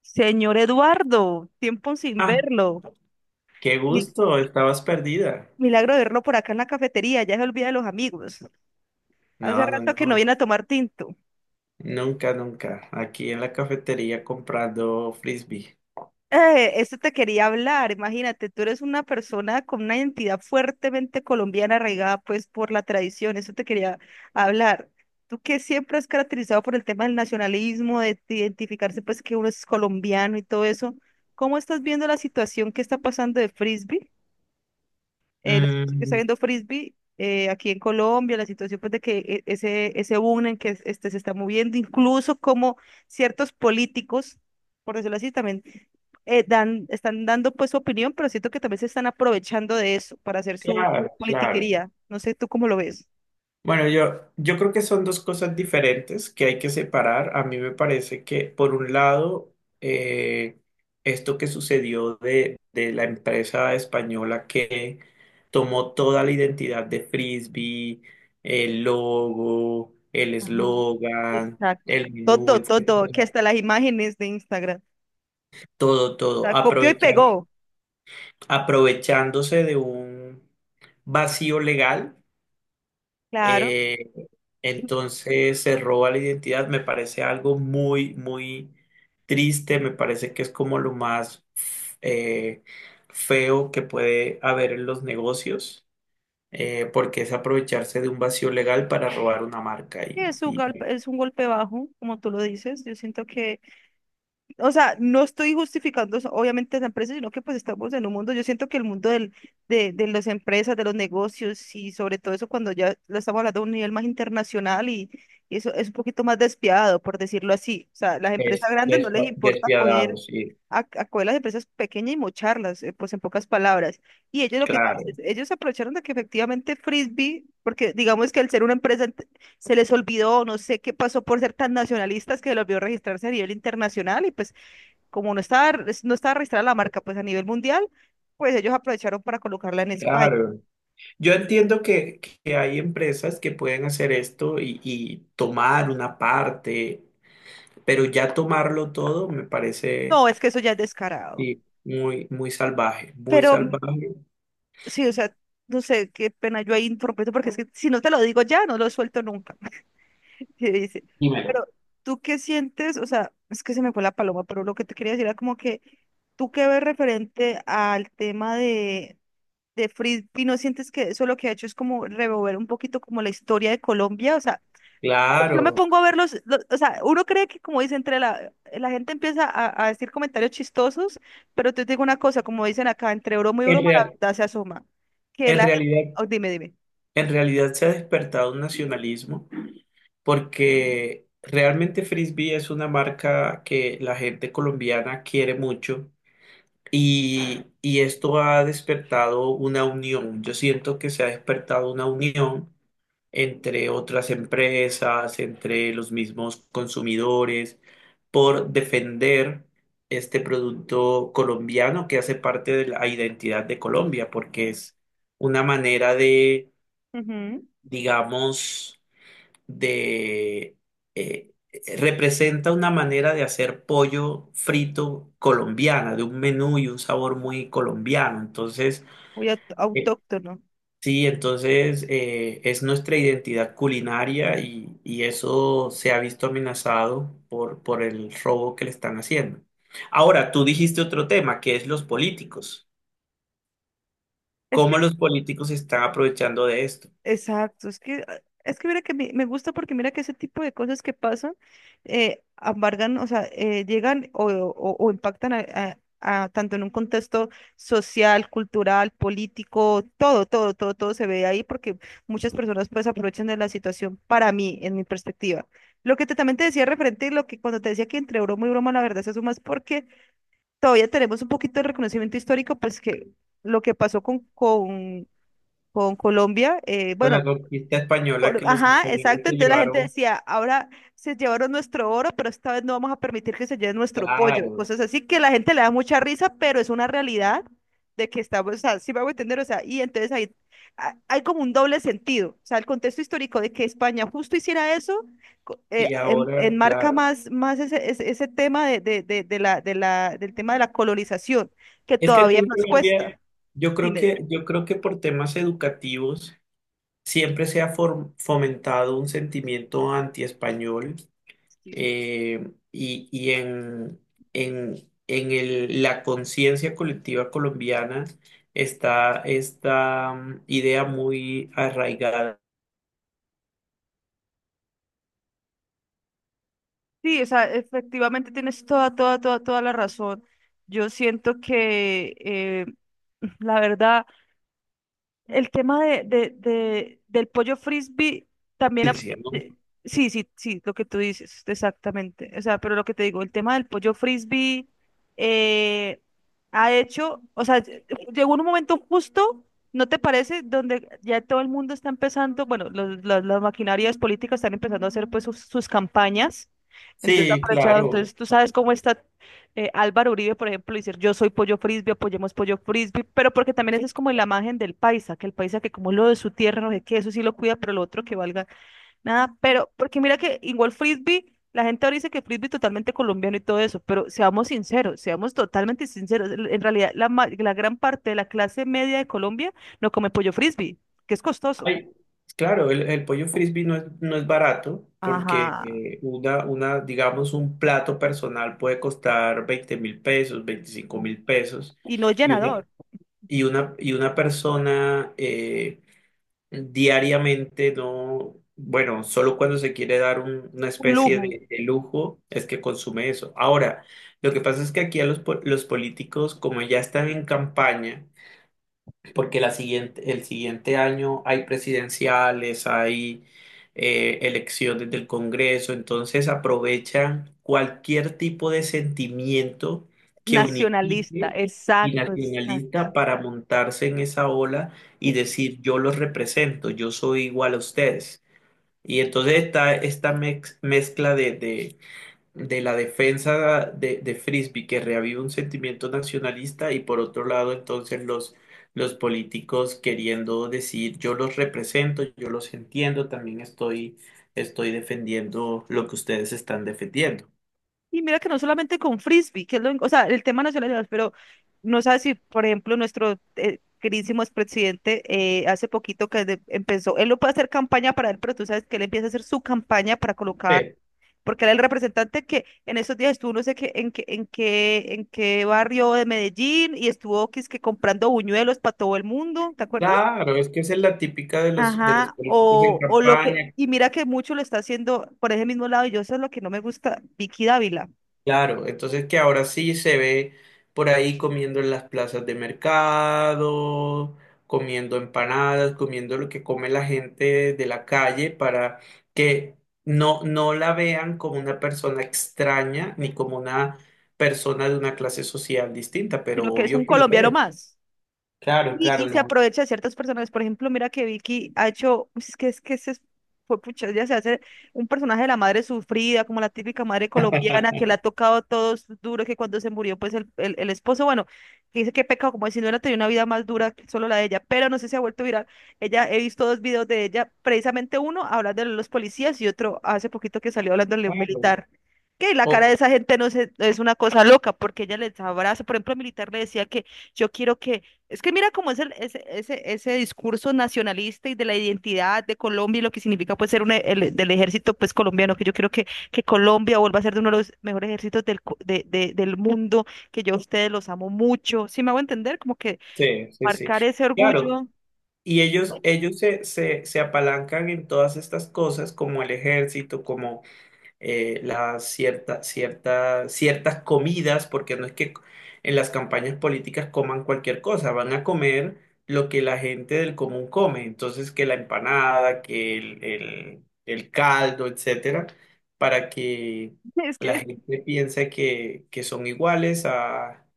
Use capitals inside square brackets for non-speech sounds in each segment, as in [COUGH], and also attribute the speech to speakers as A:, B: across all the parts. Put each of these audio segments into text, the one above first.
A: Señor Eduardo, tiempo sin
B: Ah,
A: verlo.
B: qué
A: Mi-
B: gusto, estabas perdida.
A: Milagro de verlo por acá en la cafetería, ya se olvida de los amigos. Hace
B: No, no,
A: rato que no
B: no,
A: viene a tomar tinto.
B: nunca, nunca. Aquí en la cafetería comprando frisbee.
A: Esto te quería hablar, imagínate, tú eres una persona con una identidad fuertemente colombiana arraigada pues por la tradición, eso te quería hablar. Tú que siempre has caracterizado por el tema del nacionalismo, de identificarse pues que uno es colombiano y todo eso, ¿cómo estás viendo la situación que está pasando de Frisbee? La situación que está
B: Mm,
A: viendo Frisbee aquí en Colombia, la situación pues, de que ese, ese boom en que este, se está moviendo, incluso como ciertos políticos, por decirlo así, también están dando pues su opinión, pero siento que también se están aprovechando de eso para hacer su
B: claro, claro.
A: politiquería. No sé tú cómo lo ves.
B: Bueno, yo creo que son dos cosas diferentes que hay que separar. A mí me parece que, por un lado, eh, esto que sucedió de la empresa española que tomó toda la identidad de frisbee, el logo, el
A: Ajá.
B: eslogan,
A: Exacto.
B: el menú,
A: Todo, todo, que
B: etc.
A: hasta las imágenes de Instagram. O
B: Todo, todo,
A: sea, copió y pegó.
B: aprovechándose de un vacío legal.
A: Claro.
B: eh, entonces se roba la identidad. Me parece algo muy, muy triste. Me parece que es como lo más eh, feo que puede haber en los negocios, porque es aprovecharse de un vacío legal para robar una marca, y, y
A: Es un golpe bajo, como tú lo dices. Yo siento que... O sea, no estoy justificando obviamente las empresas, sino que pues estamos en un mundo, yo siento que el mundo de las empresas, de los negocios y sobre todo eso cuando ya lo estamos hablando a un nivel más internacional y eso es un poquito más despiadado, por decirlo así. O sea, las empresas
B: es
A: grandes no les importa
B: despiadado.
A: coger
B: Sí,
A: a coger las empresas pequeñas y mocharlas, pues en pocas palabras. Y ellos lo que tú dices,
B: claro,
A: ellos aprovecharon de que efectivamente Frisbee, porque digamos que al ser una empresa se les olvidó, no sé qué pasó por ser tan nacionalistas que se les olvidó registrarse a nivel internacional y pues como no estaba, no estaba registrada la marca pues a nivel mundial, pues ellos aprovecharon para colocarla en España.
B: claro. Yo entiendo que hay empresas que pueden hacer esto y tomar una parte, pero ya tomarlo todo me parece,
A: No, es que eso ya es descarado.
B: sí, muy, muy salvaje, muy
A: Pero
B: salvaje.
A: sí, o sea, no sé, qué pena yo ahí interrumpiendo, porque es que si no te lo digo ya, no lo suelto nunca. [LAUGHS] que dice.
B: Dímelo.
A: Pero tú qué sientes, o sea, es que se me fue la paloma, pero lo que te quería decir era como que tú qué ves referente al tema de Frisbee, ¿no sientes que eso lo que ha hecho es como revolver un poquito como la historia de Colombia? O sea, yo me
B: Claro,
A: pongo a verlos, o sea, uno cree que como dice entre la gente empieza a decir comentarios chistosos, pero te digo una cosa, como dicen acá, entre broma y
B: en
A: broma la
B: real-
A: verdad se asoma. Que
B: en
A: la
B: realidad,
A: gente, dime, dime.
B: en realidad se ha despertado un nacionalismo, porque realmente Frisbee es una marca que la gente colombiana quiere mucho, y esto ha despertado una unión. Yo siento que se ha despertado una unión entre otras empresas, entre los mismos consumidores, por defender este producto colombiano que hace parte de la identidad de Colombia, porque es una manera de,
A: Ujú.
B: digamos, de... eh, representa una manera de hacer pollo frito colombiana, de un menú y un sabor muy colombiano. Entonces,
A: Muy
B: eh,
A: autóctono.
B: sí, entonces es nuestra identidad culinaria, y eso se ha visto amenazado por el robo que le están haciendo. Ahora, tú dijiste otro tema, que es los políticos.
A: Es
B: ¿Cómo los políticos se están aprovechando de esto?
A: Exacto, es que mira que me gusta porque mira que ese tipo de cosas que pasan, embargan, o sea, llegan o impactan a tanto en un contexto social, cultural, político, todo, todo, todo, todo se ve ahí porque muchas personas pues aprovechan de la situación para mí, en mi perspectiva. Lo que te, también te decía referente, lo que cuando te decía que entre broma y broma la verdad se suma es porque todavía tenemos un poquito de reconocimiento histórico, pues que lo que pasó con con Colombia,
B: Con
A: bueno,
B: la conquista española que los
A: ajá,
B: españoles
A: exacto.
B: se
A: Entonces la gente
B: llevaron,
A: decía, ahora se llevaron nuestro oro, pero esta vez no vamos a permitir que se lleve nuestro pollo.
B: claro,
A: Cosas así que la gente le da mucha risa, pero es una realidad de que estamos, o sea, sí me hago entender, o sea, y entonces ahí hay como un doble sentido. O sea, el contexto histórico de que España justo hiciera eso,
B: y ahora,
A: enmarca
B: claro.
A: más, más ese tema del tema de la colonización, que
B: Es que aquí
A: todavía
B: en
A: nos
B: Colombia,
A: cuesta.
B: yo creo
A: Dime.
B: que, yo creo que por temas educativos siempre se ha fomentado un sentimiento antiespañol. Y en la conciencia colectiva colombiana está esta idea muy arraigada,
A: Sí, o sea, efectivamente tienes toda, toda, toda, toda la razón. Yo siento que [LAUGHS] la verdad. El tema del pollo frisbee también...
B: ¿no?
A: de- sí, sí, sí, lo que tú dices, exactamente. O sea, pero lo que te digo, el tema del pollo frisbee eh, ha hecho, o sea, llegó un momento justo, ¿no te parece? Donde ya todo el mundo está empezando, bueno, las maquinarias políticas están empezando a hacer pues sus campañas. Entonces,
B: Sí,
A: aprovechado,
B: claro.
A: entonces tú sabes cómo está Álvaro Uribe, por ejemplo, decir yo soy pollo frisbee, apoyemos pollo frisbee, pero porque también esa es como la imagen del paisa, que el paisa que como lo de su tierra, no sé qué, eso sí lo cuida, pero lo otro que valga nada, pero porque mira que igual frisbee, la gente ahora dice que frisbee es totalmente colombiano y todo eso, pero seamos sinceros, seamos totalmente sinceros, en realidad la, la gran parte de la clase media de Colombia no come pollo frisbee, que es costoso.
B: Ay, claro, el pollo frisbee no es barato, porque
A: Ajá.
B: digamos, un plato personal puede costar 20.000 pesos, 25.000 pesos.
A: Y no es
B: y una,
A: llenador,
B: y una persona... Diariamente no, bueno, solo cuando se quiere dar una
A: un
B: especie
A: lujo.
B: de lujo es que consume eso. Ahora, lo que pasa es que aquí a los políticos, como ya están en campaña, porque el siguiente año hay presidenciales, hay elecciones del Congreso. Entonces aprovechan cualquier tipo de sentimiento
A: [LAUGHS]
B: que
A: Nacionalista,
B: unifique y
A: exacto,
B: nacionalista
A: exacto.
B: para montarse en esa ola y decir: yo los represento, yo soy igual a ustedes. Y entonces está esta mezcla de la defensa de Frisbee, que reaviva un sentimiento nacionalista, y por otro lado entonces los políticos queriendo decir: yo los represento, yo los entiendo, también estoy defendiendo lo que ustedes están defendiendo.
A: Y mira que no solamente con frisbee, que es lo, o sea, el tema nacional, pero no sabes si, por ejemplo, nuestro queridísimo expresidente hace poquito que empezó, él no puede hacer campaña para él, pero tú sabes que él empieza a hacer su campaña para colocar,
B: Sí.
A: porque era el representante que en esos días estuvo no sé qué, en qué barrio de Medellín y estuvo que, es que comprando buñuelos para todo el mundo, ¿te acuerdas?
B: Claro, es que esa es la típica de los
A: Ajá,
B: políticos en
A: o lo que,
B: campaña.
A: y mira que mucho lo está haciendo por ese mismo lado, y yo eso es lo que no me gusta, Vicky Dávila.
B: Claro, entonces que ahora sí se ve por ahí comiendo en las plazas de mercado, comiendo empanadas, comiendo lo que come la gente de la calle, para que no, no la vean como una persona extraña ni como una persona de una clase social distinta, pero
A: Sino que es
B: obvio
A: un
B: que lo
A: colombiano
B: es.
A: más.
B: Claro, claro,
A: Y se
B: no.
A: aprovecha de ciertas personas. Por ejemplo, mira que Vicky ha hecho, es que se fue pucha, ya se hace un personaje de la madre sufrida, como la típica madre colombiana que
B: [LAUGHS]
A: le ha tocado todo duro, que cuando se murió, pues el esposo, bueno, que dice que pecado, como si no hubiera tenido una vida más dura que solo la de ella, pero no sé si ha vuelto viral. Ella, he visto dos videos de ella, precisamente uno hablando de los policías y otro hace poquito que salió hablándole de un
B: Claro.
A: militar. Que la cara de
B: O-
A: esa gente no es una cosa loca, porque ella les abraza. Por ejemplo, el militar le decía que yo quiero que es que mira cómo es ese discurso nacionalista y de la identidad de Colombia y lo que significa pues ser un, del ejército pues colombiano, que yo quiero que Colombia vuelva a ser de uno de los mejores ejércitos del, co- de- del mundo, que yo a ustedes los amo mucho. ¿Sí me hago entender? Como que
B: sí, sí, sí.
A: marcar ese
B: Claro.
A: orgullo.
B: Y ellos se apalancan en todas estas cosas, como el ejército, las ciertas comidas, porque no es que en las campañas políticas coman cualquier cosa, van a comer lo que la gente del común come, entonces que la empanada, que el caldo, etcétera, para que
A: [LAUGHS] Es
B: la
A: que
B: gente piense que son iguales a,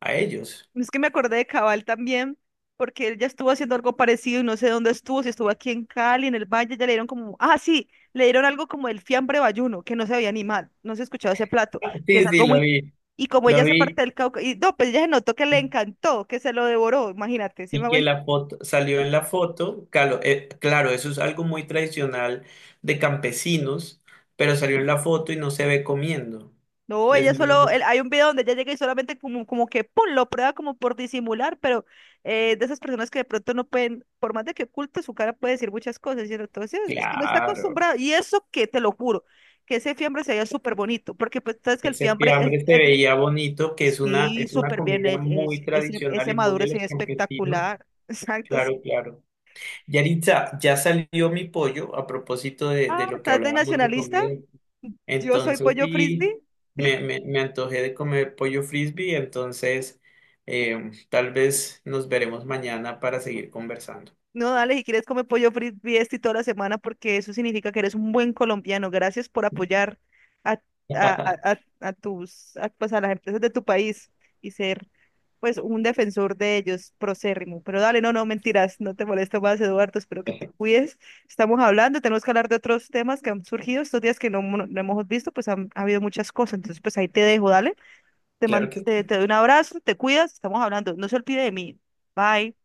B: a ellos.
A: Es que me acordé de Cabal también, porque él ya estuvo haciendo algo parecido y no sé dónde estuvo, si estuvo aquí en Cali, en el Valle, ya le dieron como, ah, sí, le dieron algo como el fiambre bayuno, que no se había animado no se escuchaba ese plato,
B: [LAUGHS]
A: que es
B: Sí, sí,
A: algo
B: lo
A: muy,
B: vi,
A: y como
B: lo
A: ella se
B: vi.
A: parte del Cauca, y no, pues ella se notó que le encantó, que se lo devoró, imagínate, si...
B: Y que la foto salió en la foto, claro, eso es algo muy tradicional de campesinos, pero salió en la foto y no se ve comiendo.
A: No,
B: Es
A: ella solo,
B: algo-
A: hay un video donde ella llega y solamente como que pum, lo prueba como por disimular, pero de esas personas que de pronto no pueden, por más de que oculte su cara, puede decir muchas cosas, ¿cierto? Entonces, es que no está
B: claro,
A: acostumbrado. Y eso que te lo juro, que ese fiambre se veía súper bonito, porque pues sabes que el
B: ese
A: fiambre
B: fiambre se
A: es de...
B: veía bonito, que es una,
A: sí,
B: es una
A: súper bien,
B: comida muy tradicional
A: ese
B: y muy
A: maduro
B: de
A: es
B: los campesinos.
A: espectacular. [LAUGHS] Exacto. Sí.
B: Claro, claro. Yaritza, ya salió mi pollo a propósito de
A: Ah,
B: lo que
A: ¿estás de
B: hablábamos de
A: nacionalista?
B: comida.
A: Yo soy
B: Entonces
A: pollo
B: sí,
A: frisbee.
B: me antojé de comer pollo frisbee, entonces tal vez nos veremos mañana para seguir conversando.
A: No, dale, si quieres come pollo frito y toda la semana porque eso significa que eres un buen colombiano. Gracias por apoyar a,
B: [LAUGHS]
A: a tus, a, pues a las empresas de tu país y ser pues un defensor de ellos, procérrimo. Pero dale, no, no, mentiras, no te molesto más, Eduardo, espero que te cuides. Estamos hablando, tenemos que hablar de otros temas que han surgido estos días que no, no hemos visto, pues han, ha habido muchas cosas. Entonces, pues ahí te dejo, dale.
B: Claro que sí.
A: Te doy un abrazo, te cuidas, estamos hablando. No se olvide de mí. Bye.